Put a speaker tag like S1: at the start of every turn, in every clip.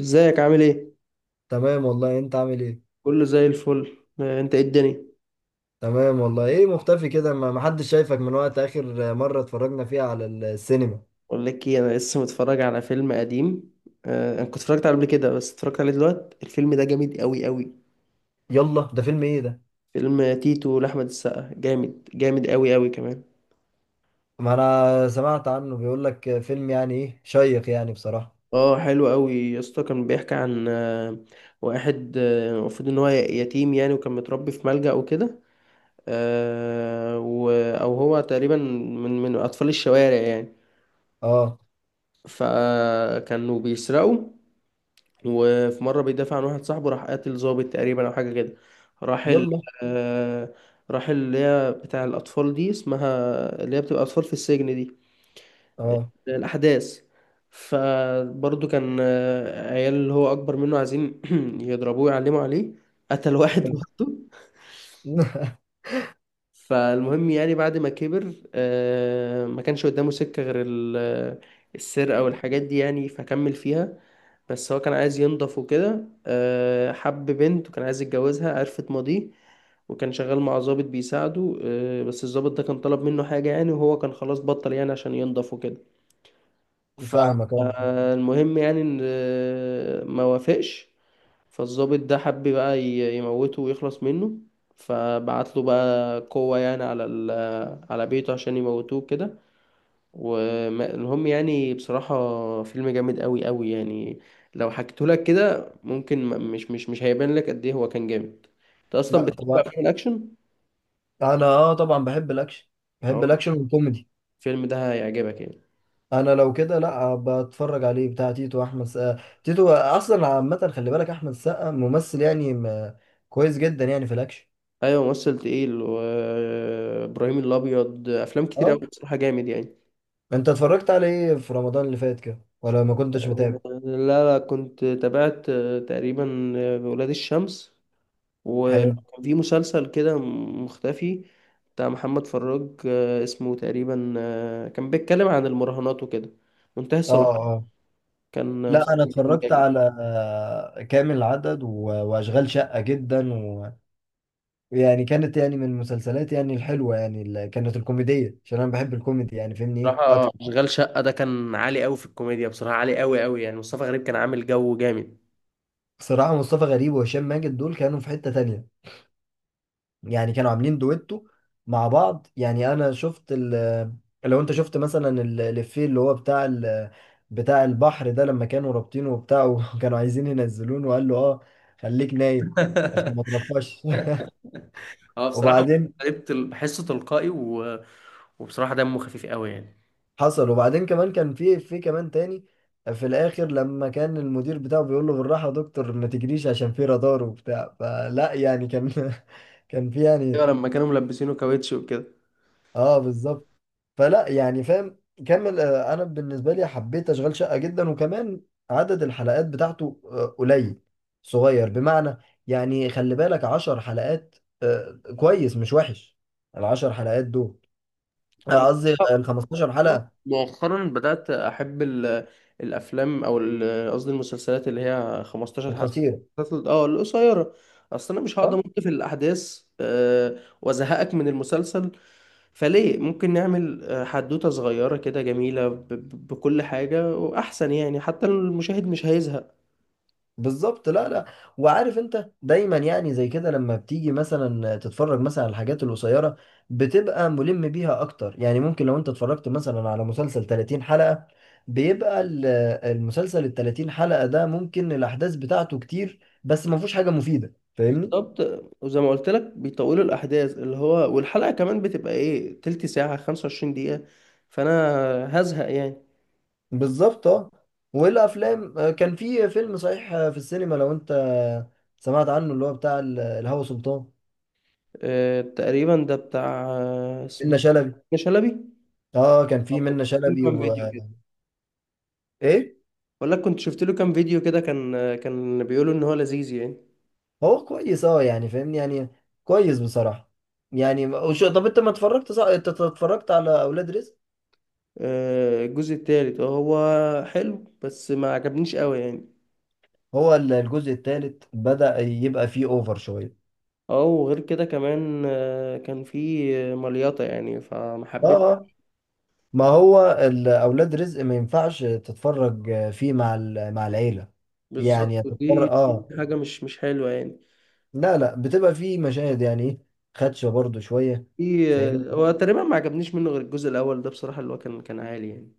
S1: ازيك عامل ايه.
S2: تمام والله، انت عامل ايه؟
S1: كله زي الفل. انت ايه الدنيا؟
S2: تمام والله. ايه مختفي كده؟ ما حدش شايفك من وقت اخر مرة اتفرجنا فيها على السينما.
S1: اقول لك ايه، انا لسه متفرج على فيلم قديم. انا كنت اتفرجت عليه قبل كده، بس اتفرجت عليه دلوقتي. الفيلم ده جامد قوي قوي.
S2: يلا، ده فيلم ايه ده؟
S1: فيلم تيتو لاحمد السقا، جامد جامد قوي قوي كمان.
S2: ما انا سمعت عنه، بيقول لك فيلم يعني ايه شيق يعني بصراحة.
S1: اه حلو قوي يا اسطى. كان بيحكي عن واحد، المفروض ان هو يتيم يعني، وكان متربي في ملجأ وكده. او هو تقريبا من اطفال الشوارع يعني.
S2: اه.
S1: فكانوا بيسرقوا، وفي مرة بيدافع عن واحد صاحبه، راح قاتل ظابط تقريبا أو حاجة كده. راح ال
S2: يلا.
S1: آه، راح اللي هي بتاع الأطفال دي، اسمها اللي هي بتبقى أطفال في السجن دي،
S2: اه.
S1: الأحداث. فبرضه كان عيال اللي هو أكبر منه عايزين يضربوه يعلموا عليه، قتل واحد برضه. فالمهم يعني بعد ما كبر، ما كانش قدامه سكة غير السرقة والحاجات دي يعني، فكمل فيها. بس هو كان عايز ينضف وكده، حب بنت وكان عايز يتجوزها، عرفت ماضيه. وكان شغال مع ضابط بيساعده، بس الضابط ده كان طلب منه حاجة يعني، وهو كان خلاص بطل يعني عشان ينضف وكده.
S2: فاهمك انا.
S1: فالمهم يعني ان ما وافقش. فالضابط ده حب بقى يموته ويخلص منه. فبعت له بقى قوة يعني على على بيته عشان يموتوه كده. والمهم يعني بصراحة فيلم جامد قوي قوي يعني. لو حكيته لك كده ممكن مش هيبان لك قد ايه هو كان جامد. انت اصلا
S2: لا
S1: بتحب
S2: طبعا.
S1: افلام الاكشن؟
S2: انا اه طبعا بحب الاكشن. بحب
S1: اه.
S2: الاكشن والكوميدي.
S1: الفيلم ده هيعجبك يعني.
S2: انا لو كده لا بتفرج عليه. بتاع تيتو احمد سقا، تيتو اصلا، عامة خلي بالك احمد سقا ممثل يعني كويس جدا يعني في الاكشن.
S1: ايوه ممثل تقيل، وابراهيم الابيض، افلام كتير قوي
S2: اه.
S1: بصراحة جامد يعني.
S2: انت اتفرجت على ايه في رمضان اللي فات كده، ولا ما كنتش متابع؟
S1: لا لا كنت تابعت تقريبا، ولاد الشمس،
S2: حلو.
S1: وكان في مسلسل كده مختفي بتاع محمد فراج، اسمه تقريبا، كان بيتكلم عن المراهنات وكده، منتهي
S2: اه
S1: الصلاحية.
S2: اه.
S1: كان
S2: لا انا
S1: مسلسل
S2: اتفرجت
S1: جامد.
S2: على كامل العدد واشغال شقة جدا ويعني كانت يعني من المسلسلات يعني الحلوة يعني اللي كانت الكوميدية، عشان انا بحب الكوميدي يعني فاهمني ايه
S1: بصراحة
S2: اكتر.
S1: أشغال شقة ده كان عالي قوي في الكوميديا، بصراحة عالي قوي قوي يعني. مصطفى غريب كان عامل جو جامد.
S2: بصراحة مصطفى غريب وهشام ماجد دول كانوا في حتة تانية، يعني كانوا عاملين دويتو مع بعض. يعني انا شفت ال، لو انت شفت مثلا الإفيه اللي هو بتاع ال، بتاع البحر ده لما كانوا رابطينه وبتاع وكانوا عايزين ينزلونه وقال له اه خليك نايم عشان ما تنفخش.
S1: اه بصراحة مصطفى
S2: وبعدين
S1: غريب بحسه تلقائي وبصراحة دمه خفيف قوي يعني.
S2: حصل. وبعدين كمان كان في كمان تاني في الاخر لما كان المدير بتاعه بيقول له بالراحه يا دكتور ما تجريش عشان في رادار وبتاع، فلا يعني كان كان في
S1: ايوه
S2: يعني.
S1: لما كانوا ملبسينه كاوتش وكده.
S2: اه بالظبط. فلا يعني، فاهم. كمل. انا بالنسبه لي حبيت اشغال شقه جدا. وكمان عدد الحلقات بتاعته قليل، صغير، بمعنى يعني خلي بالك عشر حلقات. كويس، مش وحش العشر حلقات دول.
S1: انا
S2: قصدي الخمستاشر حلقه.
S1: مؤخرا بدأت أحب الأفلام أو قصدي المسلسلات اللي هي 15 حلقة.
S2: القصيره.
S1: اه القصيرة. أصل أنا مش هقدر
S2: صح؟
S1: أمط في الأحداث، وأزهقك من المسلسل. فليه ممكن نعمل حدوتة صغيرة كده جميلة بكل حاجة، وأحسن يعني حتى المشاهد مش هيزهق.
S2: بالظبط. لا لا. وعارف انت دايما يعني زي كده لما بتيجي مثلا تتفرج مثلا على الحاجات القصيره بتبقى ملم بيها اكتر. يعني ممكن لو انت اتفرجت مثلا على مسلسل 30 حلقه، بيبقى ال، المسلسل ال 30 حلقه ده ممكن الاحداث بتاعته كتير بس ما فيهوش حاجه مفيده، فاهمني.
S1: بالظبط. وزي ما قلت لك بيطولوا الأحداث، اللي هو والحلقة كمان بتبقى إيه، تلت ساعة، 25 دقيقة، فأنا هزهق يعني.
S2: بالظبط اه. والافلام، كان في فيلم صحيح في السينما لو انت سمعت عنه، اللي هو بتاع الهوى سلطان،
S1: تقريبا ده بتاع،
S2: منة
S1: اسمه
S2: شلبي.
S1: إيه؟ شلبي.
S2: اه، كان في
S1: آه، كنت
S2: منة
S1: شفت
S2: شلبي
S1: له كام
S2: و،
S1: فيديو كده.
S2: ايه.
S1: بقول لك كنت شفت له كام فيديو كده، كان كان بيقولوا ان هو لذيذ يعني.
S2: هو كويس، اه يعني فاهمني يعني، كويس بصراحة. يعني وشو، طب انت ما اتفرجت، صح انت اتفرجت على اولاد رزق.
S1: الجزء التالت، هو حلو بس ما عجبنيش قوي يعني.
S2: الجزء الثالث بدأ يبقى فيه اوفر شوية.
S1: اه وغير كده كمان كان في مليطة يعني، فما حبيتش.
S2: اه اه. ما هو اولاد رزق ما ينفعش تتفرج فيه مع ال، مع العيلة.
S1: بالظبط،
S2: يعني هتتفرج،
S1: ودي
S2: اه.
S1: حاجة مش حلوة يعني.
S2: لا لا، بتبقى فيه مشاهد يعني ايه، خدشة برضو شوية.
S1: في
S2: فاهمني،
S1: هو تقريبا ما عجبنيش منه غير الجزء الأول، ده بصراحة اللي هو كان كان عالي يعني.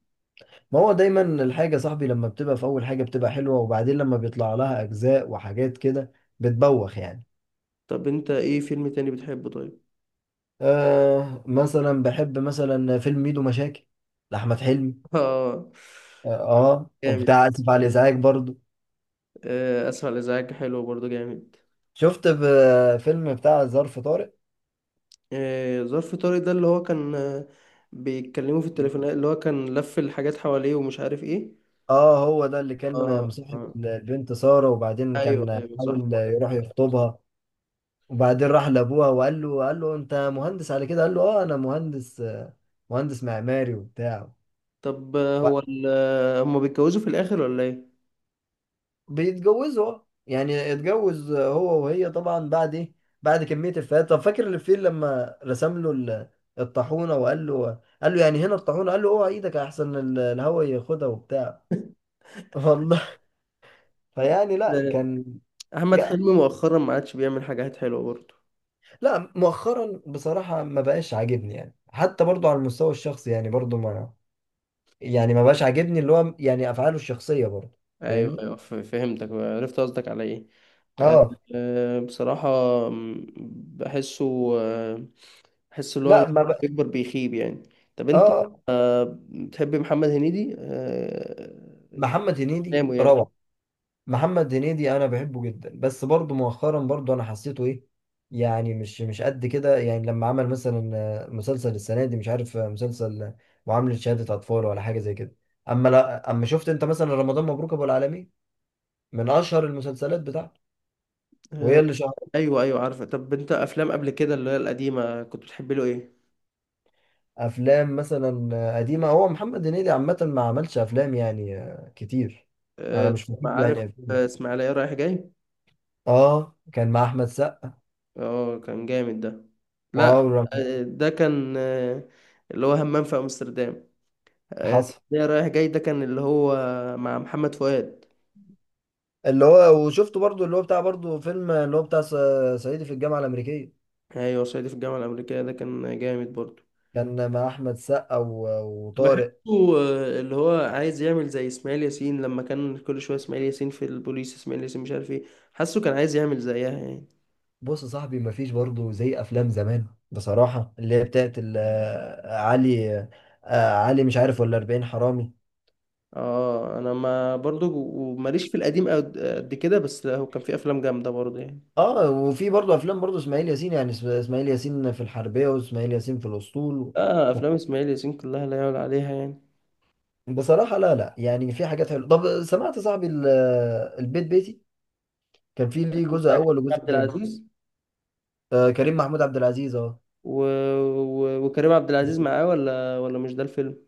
S2: ما هو دايما الحاجة يا صاحبي لما بتبقى في اول حاجة بتبقى حلوة، وبعدين لما بيطلع لها اجزاء وحاجات كده بتبوخ يعني.
S1: طب انت ايه فيلم تاني بتحبه طيب؟
S2: آه مثلا بحب مثلا فيلم ميدو مشاكل لأحمد حلمي.
S1: اه
S2: اه.
S1: جامد.
S2: وبتاع آسف على الإزعاج برضو.
S1: اسفل ازعاج حلو برضو جامد.
S2: شفت فيلم بتاع ظرف طارق.
S1: ظرف طارق ده اللي هو كان بيتكلموا في التليفون، اللي هو كان لف الحاجات حواليه ومش عارف ايه.
S2: اه هو ده اللي كان
S1: اه
S2: مصاحب
S1: اه،
S2: البنت سارة، وبعدين
S1: ايوه
S2: كان
S1: ايوه صح
S2: حاول
S1: هو ده.
S2: يروح يخطبها، وبعدين راح لأبوها وقال له، قال له أنت مهندس على كده؟ قال له اه أنا مهندس، مهندس معماري وبتاع.
S1: طب هو هما بيتجوزوا في الاخر ولا ايه؟
S2: بيتجوزوا، اه. يعني اتجوز هو وهي طبعا بعد ايه، بعد كمية الفات. طب فاكر الفيل لما رسم له الطاحونة وقال له، قال له يعني هنا الطاحونة، قال له اوعى ايدك احسن ال، الهوا ياخدها وبتاع. والله. فيعني لا
S1: آه،
S2: كان.
S1: احمد
S2: جا-
S1: حلمي مؤخرا ما عادش بيعمل حاجات حلوه برضو.
S2: لا مؤخرا بصراحة ما بقاش عاجبني يعني. حتى برضو على المستوى الشخصي، يعني برضو ما، يعني ما بقاش عاجبني اللي هو يعني افعاله الشخصية برضو.
S1: ايوه
S2: فاهمني.
S1: ايوه، فهمتك عرفت قصدك على ايه. آه،
S2: اه.
S1: بصراحه، م، بحسه، آه، بحس اللي هو
S2: لا
S1: لما
S2: ما بق...
S1: بيكبر بيخيب يعني. طب انت
S2: اه.
S1: بتحب محمد هنيدي
S2: محمد هنيدي
S1: افلامه يعني؟
S2: روعة. محمد هنيدي انا بحبه جدا، بس برضه مؤخرا برضه انا حسيته ايه، يعني مش قد كده. يعني لما عمل مثلا مسلسل السنه دي مش عارف، مسلسل معامله شهاده اطفال ولا حاجه زي كده. اما لا، اما شفت انت مثلا رمضان مبروك ابو العالمين، من اشهر المسلسلات بتاعته وهي
S1: آه،
S2: اللي شهرت.
S1: ايوه ايوه عارفه. طب انت افلام قبل كده اللي هي القديمه كنت بتحب له ايه؟
S2: افلام مثلا قديمه، هو محمد هنيدي عامه ما عملش افلام يعني كتير. انا
S1: آه،
S2: مش فاكر له
S1: عارف،
S2: يعني أفلام.
S1: اسماعيليه رايح جاي.
S2: اه كان مع احمد سقا.
S1: اه كان جامد ده. لا
S2: واو رم-
S1: ده كان اللي هو همام في امستردام.
S2: حصل.
S1: اسماعيليه رايح جاي ده كان اللي هو مع محمد فؤاد.
S2: اللي هو وشفته برضو اللي هو بتاع برضو فيلم اللي هو بتاع صعيدي في الجامعة الأمريكية،
S1: ايوه صعيدي في الجامعه الامريكيه ده كان جامد برضه.
S2: كان مع أحمد سقا
S1: بحسه
S2: وطارق.
S1: اللي هو عايز يعمل زي اسماعيل ياسين، لما كان كل شويه اسماعيل ياسين في البوليس، اسماعيل ياسين مش عارف ايه. حاسه كان عايز يعمل زيها يعني.
S2: بص يا صاحبي، مفيش برضو زي أفلام زمان بصراحة، اللي هي بتاعت علي، علي مش عارف ولا 40 حرامي.
S1: اه انا ما برضو ماليش في القديم قد كده، بس لا، هو كان في افلام جامده برضو يعني.
S2: اه وفي برضو أفلام برضو إسماعيل ياسين، يعني إسماعيل ياسين في الحربية، وإسماعيل ياسين في الأسطول
S1: اه
S2: و-
S1: افلام اسماعيل ياسين كلها لا يعلى عليها يعني.
S2: بصراحة. لا لا يعني في حاجات حلوة. طب سمعت يا صاحبي البيت بيتي، كان فيه ليه
S1: بتاع
S2: جزء
S1: كريم
S2: أول وجزء
S1: عبد
S2: تاني.
S1: العزيز
S2: آه كريم محمود عبد العزيز، اه.
S1: و... وكريم عبد العزيز معاه ولا مش ده الفيلم؟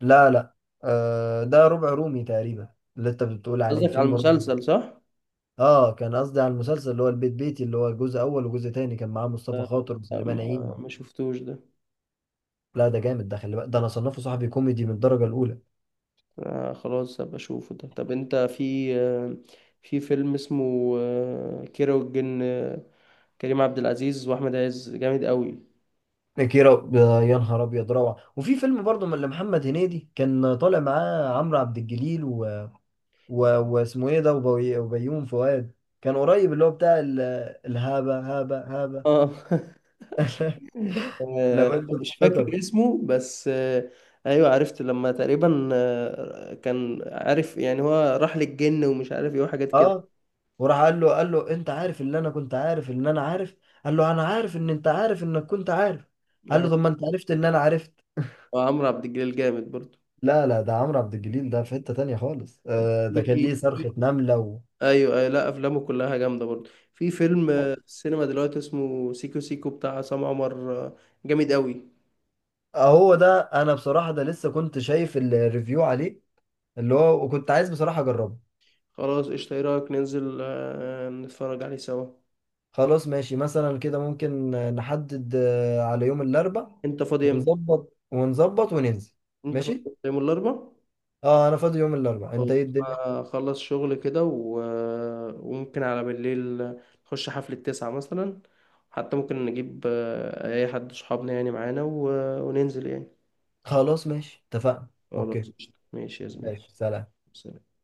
S2: لا لا، آه ده ربع رومي تقريبا اللي انت بتقول عليه،
S1: قصدك على
S2: فيلم ربع.
S1: المسلسل صح.
S2: اه كان قصدي على المسلسل اللي هو البيت بيتي، اللي هو جزء اول وجزء تاني، كان معاه مصطفى
S1: آه،
S2: خاطر
S1: آه،
S2: وسليمان
S1: ما
S2: عيد.
S1: ما شفتوش ده.
S2: لا ده جامد، ده خلي بالك ده انا صنفه صاحبي كوميدي من الدرجه الاولى.
S1: آه خلاص هبقى اشوفه ده. طب انت في آه، في فيلم اسمه آه كيرة والجن، كريم عبد العزيز واحمد عز جامد قوي.
S2: كيرة، يا نهار ابيض روعه. وفي فيلم برضه من محمد هنيدي كان طالع معاه عمرو عبد الجليل و... واسمه ايه ده، وبيوم فؤاد، كان قريب اللي هو بتاع ال، الهابه هابه هابه.
S1: اه
S2: لو
S1: آه،
S2: انت
S1: مش فاكر
S2: تفتكر.
S1: اسمه بس آه. ايوه عرفت، لما تقريبا آه كان عارف يعني هو راح للجن ومش عارف ايه وحاجات كده.
S2: اه. وراح قال له، انت عارف اللي انا كنت عارف ان انا عارف؟ قال له انا عارف ان انت عارف انك كنت عارف. قال له
S1: آه،
S2: طب ما انت عرفت ان انا عرفت.
S1: وعمرو عبد الجليل جامد برضه.
S2: لا لا، ده عمرو عبد الجليل ده في حتة تانية خالص، آه ده كان ليه صرخة
S1: أكيد.
S2: نملة
S1: ايوه ايوه لا افلامه كلها جامده برضه. في فيلم السينما دلوقتي اسمه سيكو سيكو بتاع عصام عمر، جامد قوي.
S2: هو ده. انا بصراحة ده لسه كنت شايف الريفيو عليه، اللي هو وكنت عايز بصراحة اجربه.
S1: خلاص قشطة، ايه رأيك ننزل نتفرج عليه سوا؟
S2: خلاص ماشي، مثلا كده ممكن نحدد على يوم الاربع،
S1: انت فاضي امتى؟
S2: ونظبط وننزل.
S1: انت فاضي
S2: ماشي.
S1: امتى؟ يوم الاربع؟
S2: اه انا فاضي يوم الاربع، انت
S1: خلاص
S2: ايه الدنيا؟
S1: اخلص شغل كده و... آه، وممكن على بالليل نخش حفلة تسعة مثلا، حتى ممكن نجيب اي حد صحابنا يعني معانا، و... آه، وننزل يعني.
S2: خلاص ماشي اتفقنا.
S1: خلاص
S2: اوكي،
S1: قشطة ماشي يا زميلي.
S2: ماشي سلام.
S1: سلام.